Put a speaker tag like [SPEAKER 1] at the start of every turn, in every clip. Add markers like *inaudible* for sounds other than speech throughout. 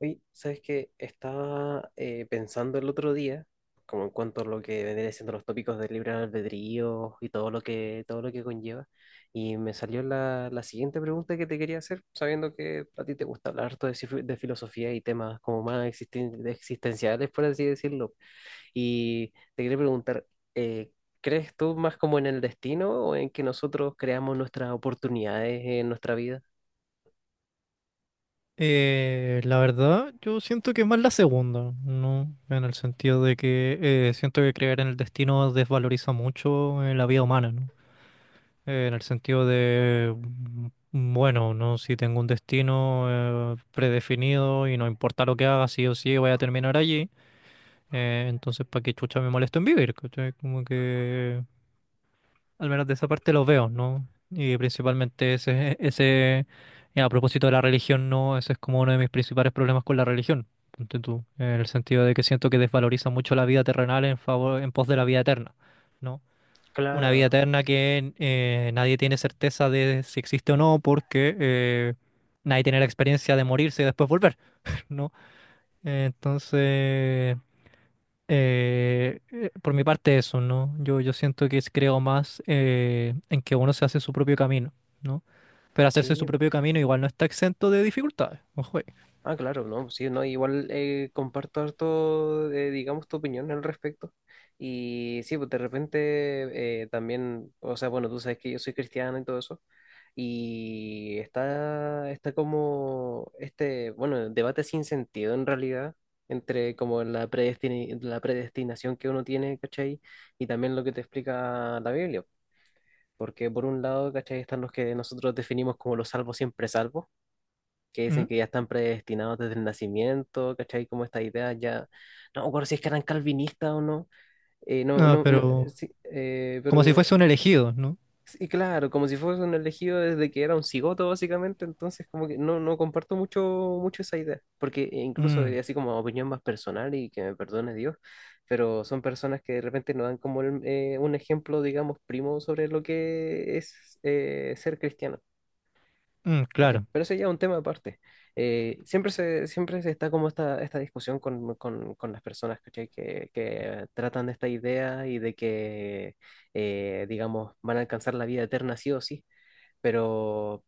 [SPEAKER 1] Oye, ¿sabes qué? Estaba pensando el otro día, como en cuanto a lo que vendría siendo los tópicos del libre albedrío y todo lo que conlleva, y me salió la siguiente pregunta que te quería hacer, sabiendo que a ti te gusta hablar harto de, de filosofía y temas como más existenciales, por así decirlo. Y te quería preguntar, eh, ¿crees tú más como en el destino o en que nosotros creamos nuestras oportunidades en nuestra vida?
[SPEAKER 2] La verdad, yo siento que es más la segunda, ¿no? En el sentido de que siento que creer en el destino desvaloriza mucho, la vida humana, ¿no? En el sentido de, bueno, ¿no? Si tengo un destino predefinido y no importa lo que haga, sí o sí voy a terminar allí. Entonces, ¿para qué chucha me molesto en vivir? ¿Cachai? Como que al menos de esa parte los veo, ¿no? Y principalmente ese, y a propósito de la religión, ¿no? Ese es como uno de mis principales problemas con la religión, ponte tú, en el sentido de que siento que desvaloriza mucho la vida terrenal en favor, en pos de la vida eterna, ¿no? Una vida
[SPEAKER 1] Claro,
[SPEAKER 2] eterna que nadie tiene certeza de si existe o no, porque nadie tiene la experiencia de morirse y después volver, *laughs* ¿no? Entonces, por mi parte eso, ¿no? Yo siento que creo más, en que uno se hace su propio camino, ¿no? Pero hacerse
[SPEAKER 1] sí.
[SPEAKER 2] su propio camino igual no está exento de dificultades, ojo ahí.
[SPEAKER 1] Ah, claro, no, sí, no, igual comparto harto, digamos, tu opinión al respecto. Y sí, pues de repente también, o sea, bueno, tú sabes que yo soy cristiano y todo eso. Y está como este, bueno, debate sin sentido en realidad, entre como la la predestinación que uno tiene, ¿cachai? Y también lo que te explica la Biblia. Porque por un lado, ¿cachai? Están los que nosotros definimos como los salvos siempre salvos, que dicen
[SPEAKER 2] ¿Mm?
[SPEAKER 1] que ya están predestinados desde el nacimiento, ¿cachai? Como esta idea ya, no me acuerdo si es que eran calvinistas o no, no,
[SPEAKER 2] Ah,
[SPEAKER 1] no, no,
[SPEAKER 2] pero
[SPEAKER 1] sí,
[SPEAKER 2] como si
[SPEAKER 1] pero,
[SPEAKER 2] fuese un elegido, ¿no?
[SPEAKER 1] y claro, como si fuese un elegido desde que era un cigoto, básicamente. Entonces como que no comparto mucho, esa idea, porque incluso
[SPEAKER 2] Mm.
[SPEAKER 1] así como opinión más personal, y que me perdone Dios, pero son personas que de repente nos dan como un ejemplo, digamos, primo sobre lo que es ser cristiano,
[SPEAKER 2] Mm,
[SPEAKER 1] ¿cachai?
[SPEAKER 2] claro.
[SPEAKER 1] Pero eso ya es un tema aparte. Siempre se está como esta discusión con, con las personas, ¿cachai? Que tratan de esta idea y de que, digamos, van a alcanzar la vida eterna sí o sí, pero,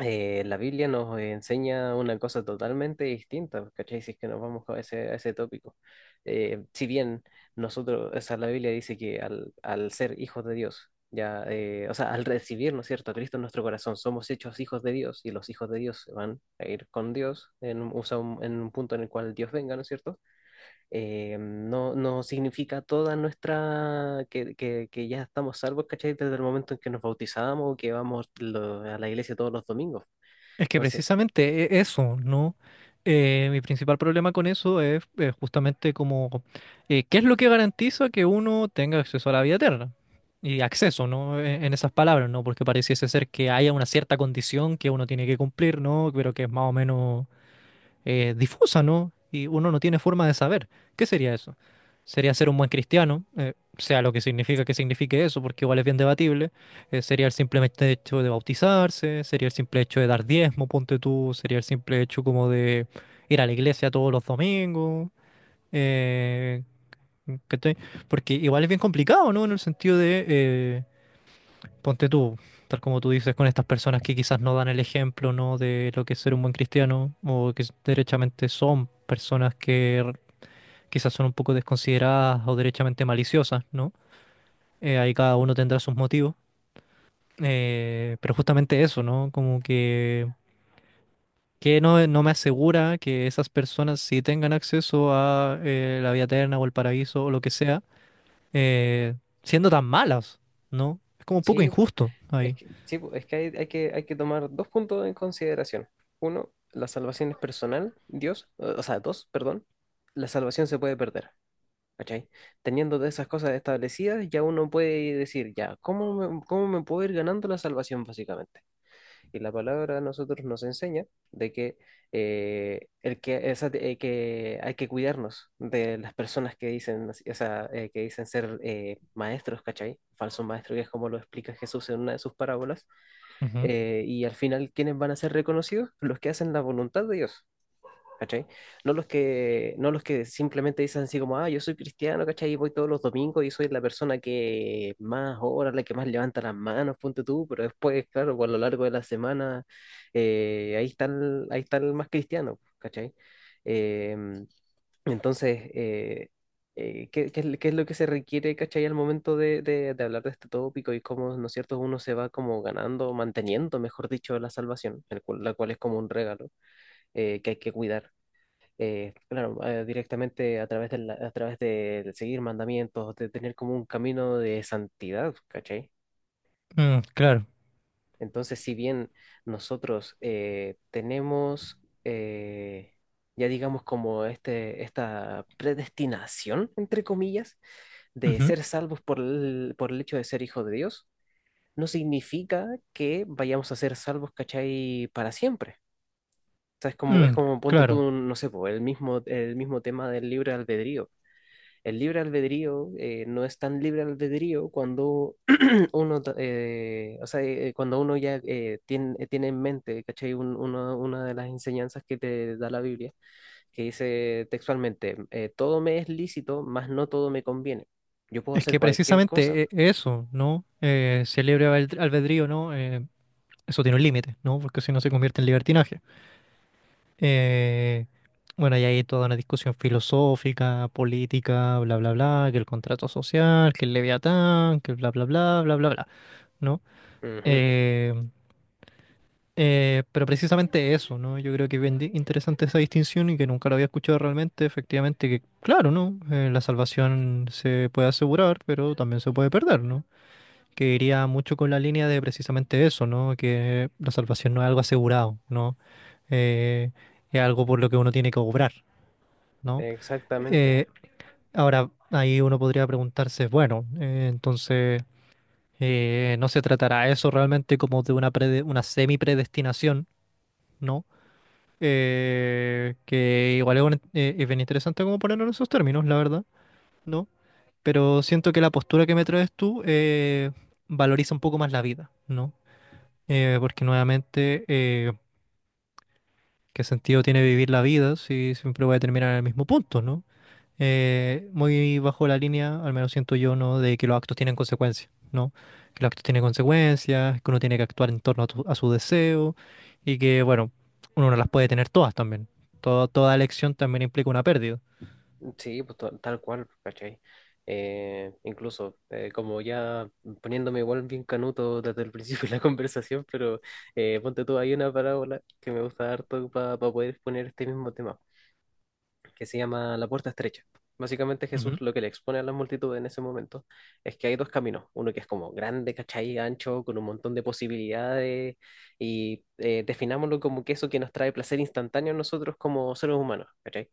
[SPEAKER 1] la Biblia nos enseña una cosa totalmente distinta, ¿cachai? Si es que nos vamos a ese tópico. Si bien nosotros, o sea, la Biblia dice que al ser hijos de Dios, ya, o sea, al recibir, ¿no es cierto?, a Cristo en nuestro corazón, somos hechos hijos de Dios, y los hijos de Dios se van a ir con Dios en, un, o sea, en un punto en el cual Dios venga, ¿no es cierto? No, no significa toda nuestra, que ya estamos salvos, ¿cachai? Desde el momento en que nos bautizamos o que vamos a la iglesia todos los domingos.
[SPEAKER 2] Es que
[SPEAKER 1] Entonces,
[SPEAKER 2] precisamente eso, ¿no? Mi principal problema con eso es, justamente como, ¿qué es lo que garantiza que uno tenga acceso a la vida eterna? Y acceso, ¿no? En esas palabras, ¿no? Porque pareciese ser que haya una cierta condición que uno tiene que cumplir, ¿no? Pero que es más o menos difusa, ¿no? Y uno no tiene forma de saber. ¿Qué sería eso? Sería ser un buen cristiano, sea lo que significa que signifique eso, porque igual es bien debatible. Sería el simple hecho de bautizarse, sería el simple hecho de dar diezmo, ponte tú, sería el simple hecho como de ir a la iglesia todos los domingos. eh, ¿Cachai? Porque igual es bien complicado, ¿no? En el sentido de... Ponte tú, tal como tú dices, con estas personas que quizás no dan el ejemplo, ¿no? De lo que es ser un buen cristiano, o que derechamente son personas que quizás son un poco desconsideradas o derechamente maliciosas, ¿no? Ahí cada uno tendrá sus motivos. Pero justamente eso, ¿no? Como que no, no me asegura que esas personas sí tengan acceso a la vida eterna o el paraíso o lo que sea, eh, siendo tan malas, ¿no? Es como un poco
[SPEAKER 1] sí.
[SPEAKER 2] injusto
[SPEAKER 1] es
[SPEAKER 2] ahí.
[SPEAKER 1] que, sí, pues, es que hay que tomar dos puntos en consideración. Uno, la salvación es personal, Dios, o sea, dos, perdón, la salvación se puede perder. ¿Cachai? Teniendo todas esas cosas establecidas, ya uno puede decir, ya, ¿cómo me puedo ir ganando la salvación, básicamente? Y la palabra a nosotros nos enseña de que, el que, que hay que cuidarnos de las personas que dicen, o sea, que dicen ser maestros, ¿cachai? Falso maestro, que es como lo explica Jesús en una de sus parábolas.
[SPEAKER 2] Ujú.
[SPEAKER 1] Y al final, ¿quiénes van a ser reconocidos? Los que hacen la voluntad de Dios, ¿cachai? No los que simplemente dicen así como, ah, yo soy cristiano, ¿cachai? Y voy todos los domingos y soy la persona que más ora, la que más levanta las manos, ponte tú, pero después, claro, pues, a lo largo de la semana, ahí está el más cristiano, ¿cachai? Eh, entonces, eh, ¿qué es lo que se requiere, ¿cachai?, al momento de, de hablar de este tópico, y cómo, ¿no es cierto?, uno se va como ganando, manteniendo, mejor dicho, la salvación, la cual es como un regalo que hay que cuidar, claro, directamente a través de, a través de seguir mandamientos, de tener como un camino de santidad, ¿cachai?
[SPEAKER 2] Mm, claro.
[SPEAKER 1] Entonces, si bien nosotros tenemos, ya digamos, como este, esta predestinación, entre comillas, de
[SPEAKER 2] Ujú.
[SPEAKER 1] ser salvos por el hecho de ser hijos de Dios, no significa que vayamos a ser salvos, ¿cachai? Para siempre. O sea, es como,
[SPEAKER 2] Mm,
[SPEAKER 1] ponte
[SPEAKER 2] claro,
[SPEAKER 1] tú, no sé, po, el mismo tema del libre albedrío. El libre albedrío no es tan libre albedrío cuando *clears throat* uno, o sea, cuando uno ya tiene en mente, ¿cachai?, una de las enseñanzas que te da la Biblia, que dice textualmente, todo me es lícito, mas no todo me conviene. Yo puedo
[SPEAKER 2] es
[SPEAKER 1] hacer
[SPEAKER 2] que
[SPEAKER 1] cualquier cosa.
[SPEAKER 2] precisamente eso, ¿no? Si el libre albedrío, ¿no? Eso tiene un límite, ¿no? Porque si no se convierte en libertinaje. Eh, bueno, y hay toda una discusión filosófica, política, bla, bla, bla, que el contrato social, que el Leviatán, que bla, bla, bla, bla, bla, bla, ¿no?
[SPEAKER 1] Ujú.
[SPEAKER 2] Eh, pero precisamente eso, ¿no? Yo creo que es bien interesante esa distinción y que nunca lo había escuchado realmente, efectivamente, que claro, ¿no? La salvación se puede asegurar, pero también se puede perder, ¿no? Que iría mucho con la línea de precisamente eso, ¿no? Que la salvación no es algo asegurado, ¿no? Eh, es algo por lo que uno tiene que obrar, ¿no?
[SPEAKER 1] Exactamente.
[SPEAKER 2] Eh, Ahora, ahí uno podría preguntarse, bueno, entonces, ¿no se tratará eso realmente como de una, una semi-predestinación? ¿No? Que igual es, es bien interesante como ponerlo en esos términos, la verdad, ¿no? Pero siento que la postura que me traes tú, valoriza un poco más la vida, ¿no? Porque nuevamente, ¿qué sentido tiene vivir la vida si siempre voy a terminar en el mismo punto, ¿no? Muy bajo la línea, al menos siento yo, ¿no? De que los actos tienen consecuencias, ¿no? Que los actos tienen consecuencias, que uno tiene que actuar en torno a, a su deseo y que, bueno, uno no las puede tener todas también. Toda elección también implica una pérdida.
[SPEAKER 1] Sí, pues tal cual, ¿cachai? Incluso, como ya poniéndome igual bien canuto desde el principio *laughs* de la conversación. Pero ponte tú, hay una parábola que me gusta harto para poder exponer este mismo tema, que se llama La puerta estrecha. Básicamente Jesús
[SPEAKER 2] Ujú,
[SPEAKER 1] lo que le expone a la multitud en ese momento es que hay dos caminos, uno que es como grande, ¿cachai?, ancho, con un montón de posibilidades, y definámoslo como que eso que nos trae placer instantáneo a nosotros como seres humanos, ¿cachai?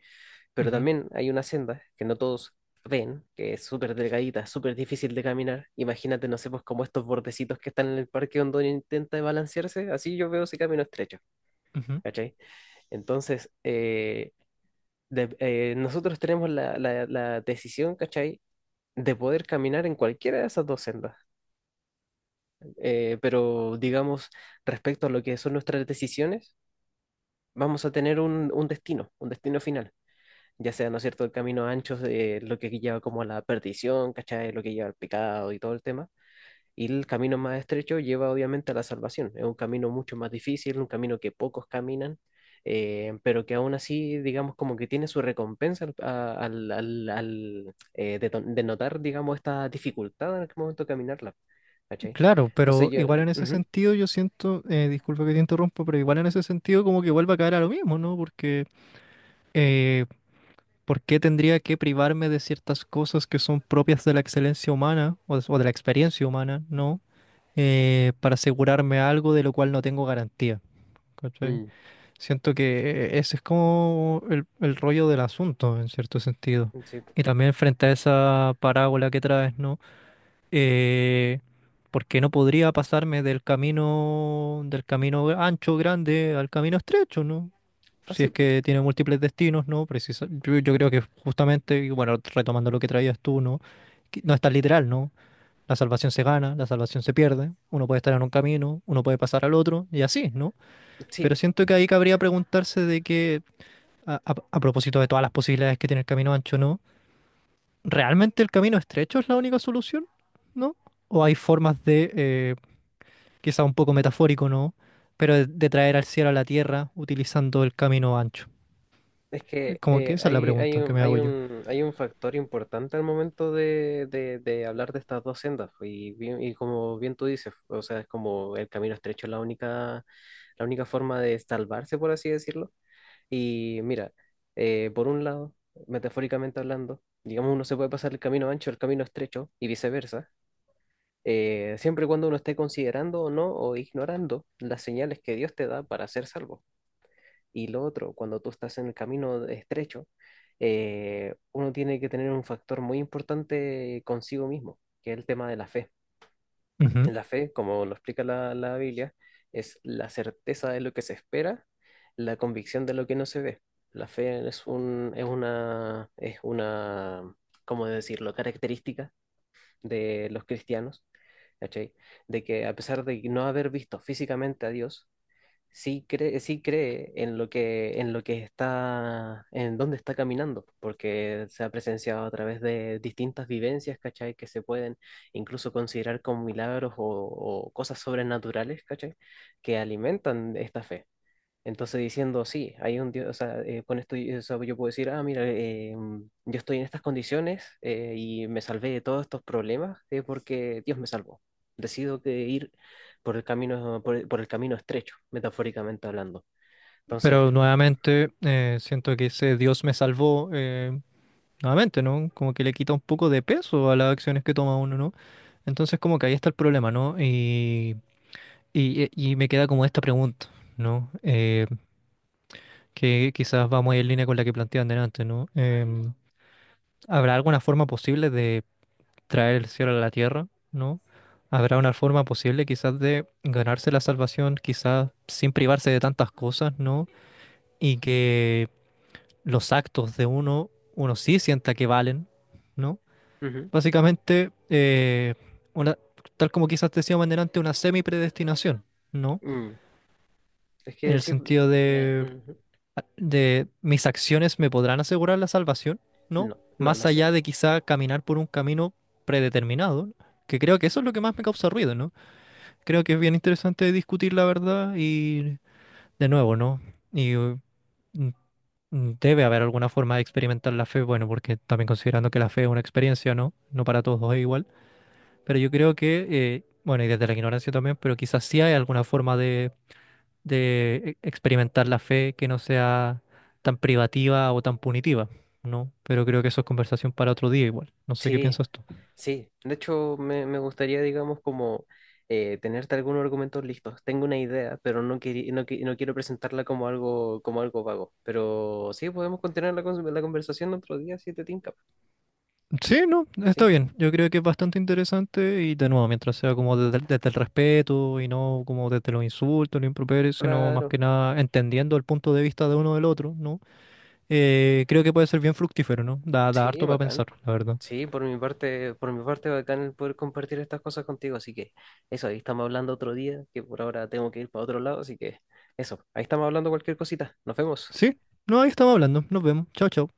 [SPEAKER 1] Pero
[SPEAKER 2] ujú,
[SPEAKER 1] también hay una senda que no todos ven, que es súper delgadita, súper difícil de caminar. Imagínate, no sé, pues, como estos bordecitos que están en el parque donde uno intenta balancearse; así yo veo ese camino estrecho,
[SPEAKER 2] ujú.
[SPEAKER 1] ¿cachai? Entonces, nosotros tenemos la decisión, ¿cachai?, de poder caminar en cualquiera de esas dos sendas. Pero digamos, respecto a lo que son nuestras decisiones, vamos a tener un destino, un destino final. Ya sea, ¿no es cierto?, el camino ancho, lo que lleva como a la perdición, ¿cachai?, lo que lleva al pecado y todo el tema. Y el camino más estrecho lleva obviamente a la salvación. Es un camino mucho más difícil, un camino que pocos caminan, pero que aún así, digamos, como que tiene su recompensa al, a- al- al- al, deto- denotar, digamos, esta dificultad en el momento de caminarla, ¿cachai?
[SPEAKER 2] Claro,
[SPEAKER 1] Entonces
[SPEAKER 2] pero
[SPEAKER 1] yo...
[SPEAKER 2] igual en ese
[SPEAKER 1] Ujú,
[SPEAKER 2] sentido yo siento, disculpa que te interrumpo, pero igual en ese sentido como que vuelve a caer a lo mismo, ¿no? Porque eh, ¿por qué tendría que privarme de ciertas cosas que son propias de la excelencia humana o de la experiencia humana, ¿no? Para asegurarme algo de lo cual no tengo garantía. ¿Cachai?
[SPEAKER 1] mm,
[SPEAKER 2] Siento que ese es como el rollo del asunto, en cierto sentido.
[SPEAKER 1] sí.
[SPEAKER 2] Y también frente a esa parábola que traes, ¿no? eh, Porque no podría pasarme del camino ancho, grande, al camino estrecho, ¿no?
[SPEAKER 1] Ah,
[SPEAKER 2] Si
[SPEAKER 1] sí,
[SPEAKER 2] es que tiene múltiples destinos, ¿no? Precisa, yo creo que justamente, y bueno, retomando lo que traías tú, ¿no? Que no es tan literal, ¿no? La salvación se gana, la salvación se pierde, uno puede estar en un camino, uno puede pasar al otro, y así, ¿no?
[SPEAKER 1] sí.
[SPEAKER 2] Pero siento que ahí cabría preguntarse de que, a propósito de todas las posibilidades que tiene el camino ancho, ¿no? ¿Realmente el camino estrecho es la única solución? ¿No? ¿O hay formas de, quizá un poco metafórico, ¿no? Pero de traer al cielo a la tierra utilizando el camino ancho.
[SPEAKER 1] Es que
[SPEAKER 2] Como que esa es la
[SPEAKER 1] hay, hay
[SPEAKER 2] pregunta que
[SPEAKER 1] un,
[SPEAKER 2] me
[SPEAKER 1] hay
[SPEAKER 2] hago yo.
[SPEAKER 1] un, hay un factor importante al momento de, de hablar de estas dos sendas, pues, y como bien tú dices, o sea, es como el camino estrecho es la única forma de salvarse, por así decirlo. Y mira, por un lado, metafóricamente hablando, digamos, uno se puede pasar el camino ancho al camino estrecho y viceversa, siempre y cuando uno esté considerando o no o ignorando las señales que Dios te da para ser salvo. Y lo otro, cuando tú estás en el camino estrecho, uno tiene que tener un factor muy importante consigo mismo, que es el tema de la fe.
[SPEAKER 2] Ujú.
[SPEAKER 1] La fe, como lo explica la Biblia, es la certeza de lo que se espera, la convicción de lo que no se ve. La fe es un, es una, ¿cómo decirlo?, característica de los cristianos, ¿cachai? De que a pesar de no haber visto físicamente a Dios, sí cree en lo que está, en dónde está caminando, porque se ha presenciado a través de distintas vivencias, ¿cachai?, que se pueden incluso considerar como milagros o cosas sobrenaturales, ¿cachai?, que alimentan esta fe. Entonces diciendo, sí, hay un Dios, o sea, con esto o sea, yo puedo decir, ah, mira, yo estoy en estas condiciones y me salvé de todos estos problemas porque Dios me salvó. Decido que ir por el camino, por el camino estrecho, metafóricamente hablando. Entonces.
[SPEAKER 2] Pero nuevamente, siento que ese Dios me salvó, nuevamente, ¿no? Como que le quita un poco de peso a las acciones que toma uno, ¿no? Entonces como que ahí está el problema, ¿no? Y, y me queda como esta pregunta, ¿no? Que quizás va muy en línea con la que planteaban delante, ¿no? Em, ¿habrá alguna forma posible de traer el cielo a la tierra, ¿no? ¿Habrá una forma posible quizás de ganarse la salvación, quizás sin privarse de tantas cosas, ¿no? Y que los actos de uno, uno sí sienta que valen, ¿no?
[SPEAKER 1] Ujú,
[SPEAKER 2] Básicamente, una, tal como quizás decíamos delante, una semi-predestinación, ¿no?
[SPEAKER 1] mm, es
[SPEAKER 2] En
[SPEAKER 1] que
[SPEAKER 2] el
[SPEAKER 1] sí.
[SPEAKER 2] sentido de
[SPEAKER 1] Ujú,
[SPEAKER 2] mis acciones me podrán asegurar la salvación, ¿no?
[SPEAKER 1] no, no,
[SPEAKER 2] Más
[SPEAKER 1] las,
[SPEAKER 2] allá de quizá caminar por un camino predeterminado, ¿no? Que creo que eso es lo que más me causa ruido, ¿no? Creo que es bien interesante discutir la verdad y de nuevo, ¿no? Y mm, debe haber alguna forma de experimentar la fe, bueno, porque también considerando que la fe es una experiencia, ¿no? No para todos es igual, pero yo creo que, bueno, y desde la ignorancia también, pero quizás sí hay alguna forma de experimentar la fe que no sea tan privativa o tan punitiva, ¿no? Pero creo que eso es conversación para otro día igual. No sé qué
[SPEAKER 1] sí.
[SPEAKER 2] piensas tú.
[SPEAKER 1] Sí, de hecho me, gustaría, digamos, como tenerte algunos argumentos listos. Tengo una idea, pero no quiero presentarla como algo, vago. Pero sí, podemos continuar la conversación otro día si te tinca.
[SPEAKER 2] Sí, no, está
[SPEAKER 1] Sí,
[SPEAKER 2] bien. Yo creo que es bastante interesante y de nuevo, mientras sea como desde el respeto y no como desde los insultos, los improperios, sino más
[SPEAKER 1] claro.
[SPEAKER 2] que nada entendiendo el punto de vista de uno del otro, ¿no? Creo que puede ser bien fructífero, ¿no? Da, da
[SPEAKER 1] Sí,
[SPEAKER 2] harto para
[SPEAKER 1] bacán.
[SPEAKER 2] pensar, la verdad.
[SPEAKER 1] Sí, por mi parte, bacán el poder compartir estas cosas contigo. Así que eso, ahí estamos hablando otro día, que por ahora tengo que ir para otro lado. Así que eso, ahí estamos hablando cualquier cosita. Nos vemos.
[SPEAKER 2] Sí, no, ahí estamos hablando. Nos vemos. Chao, chao.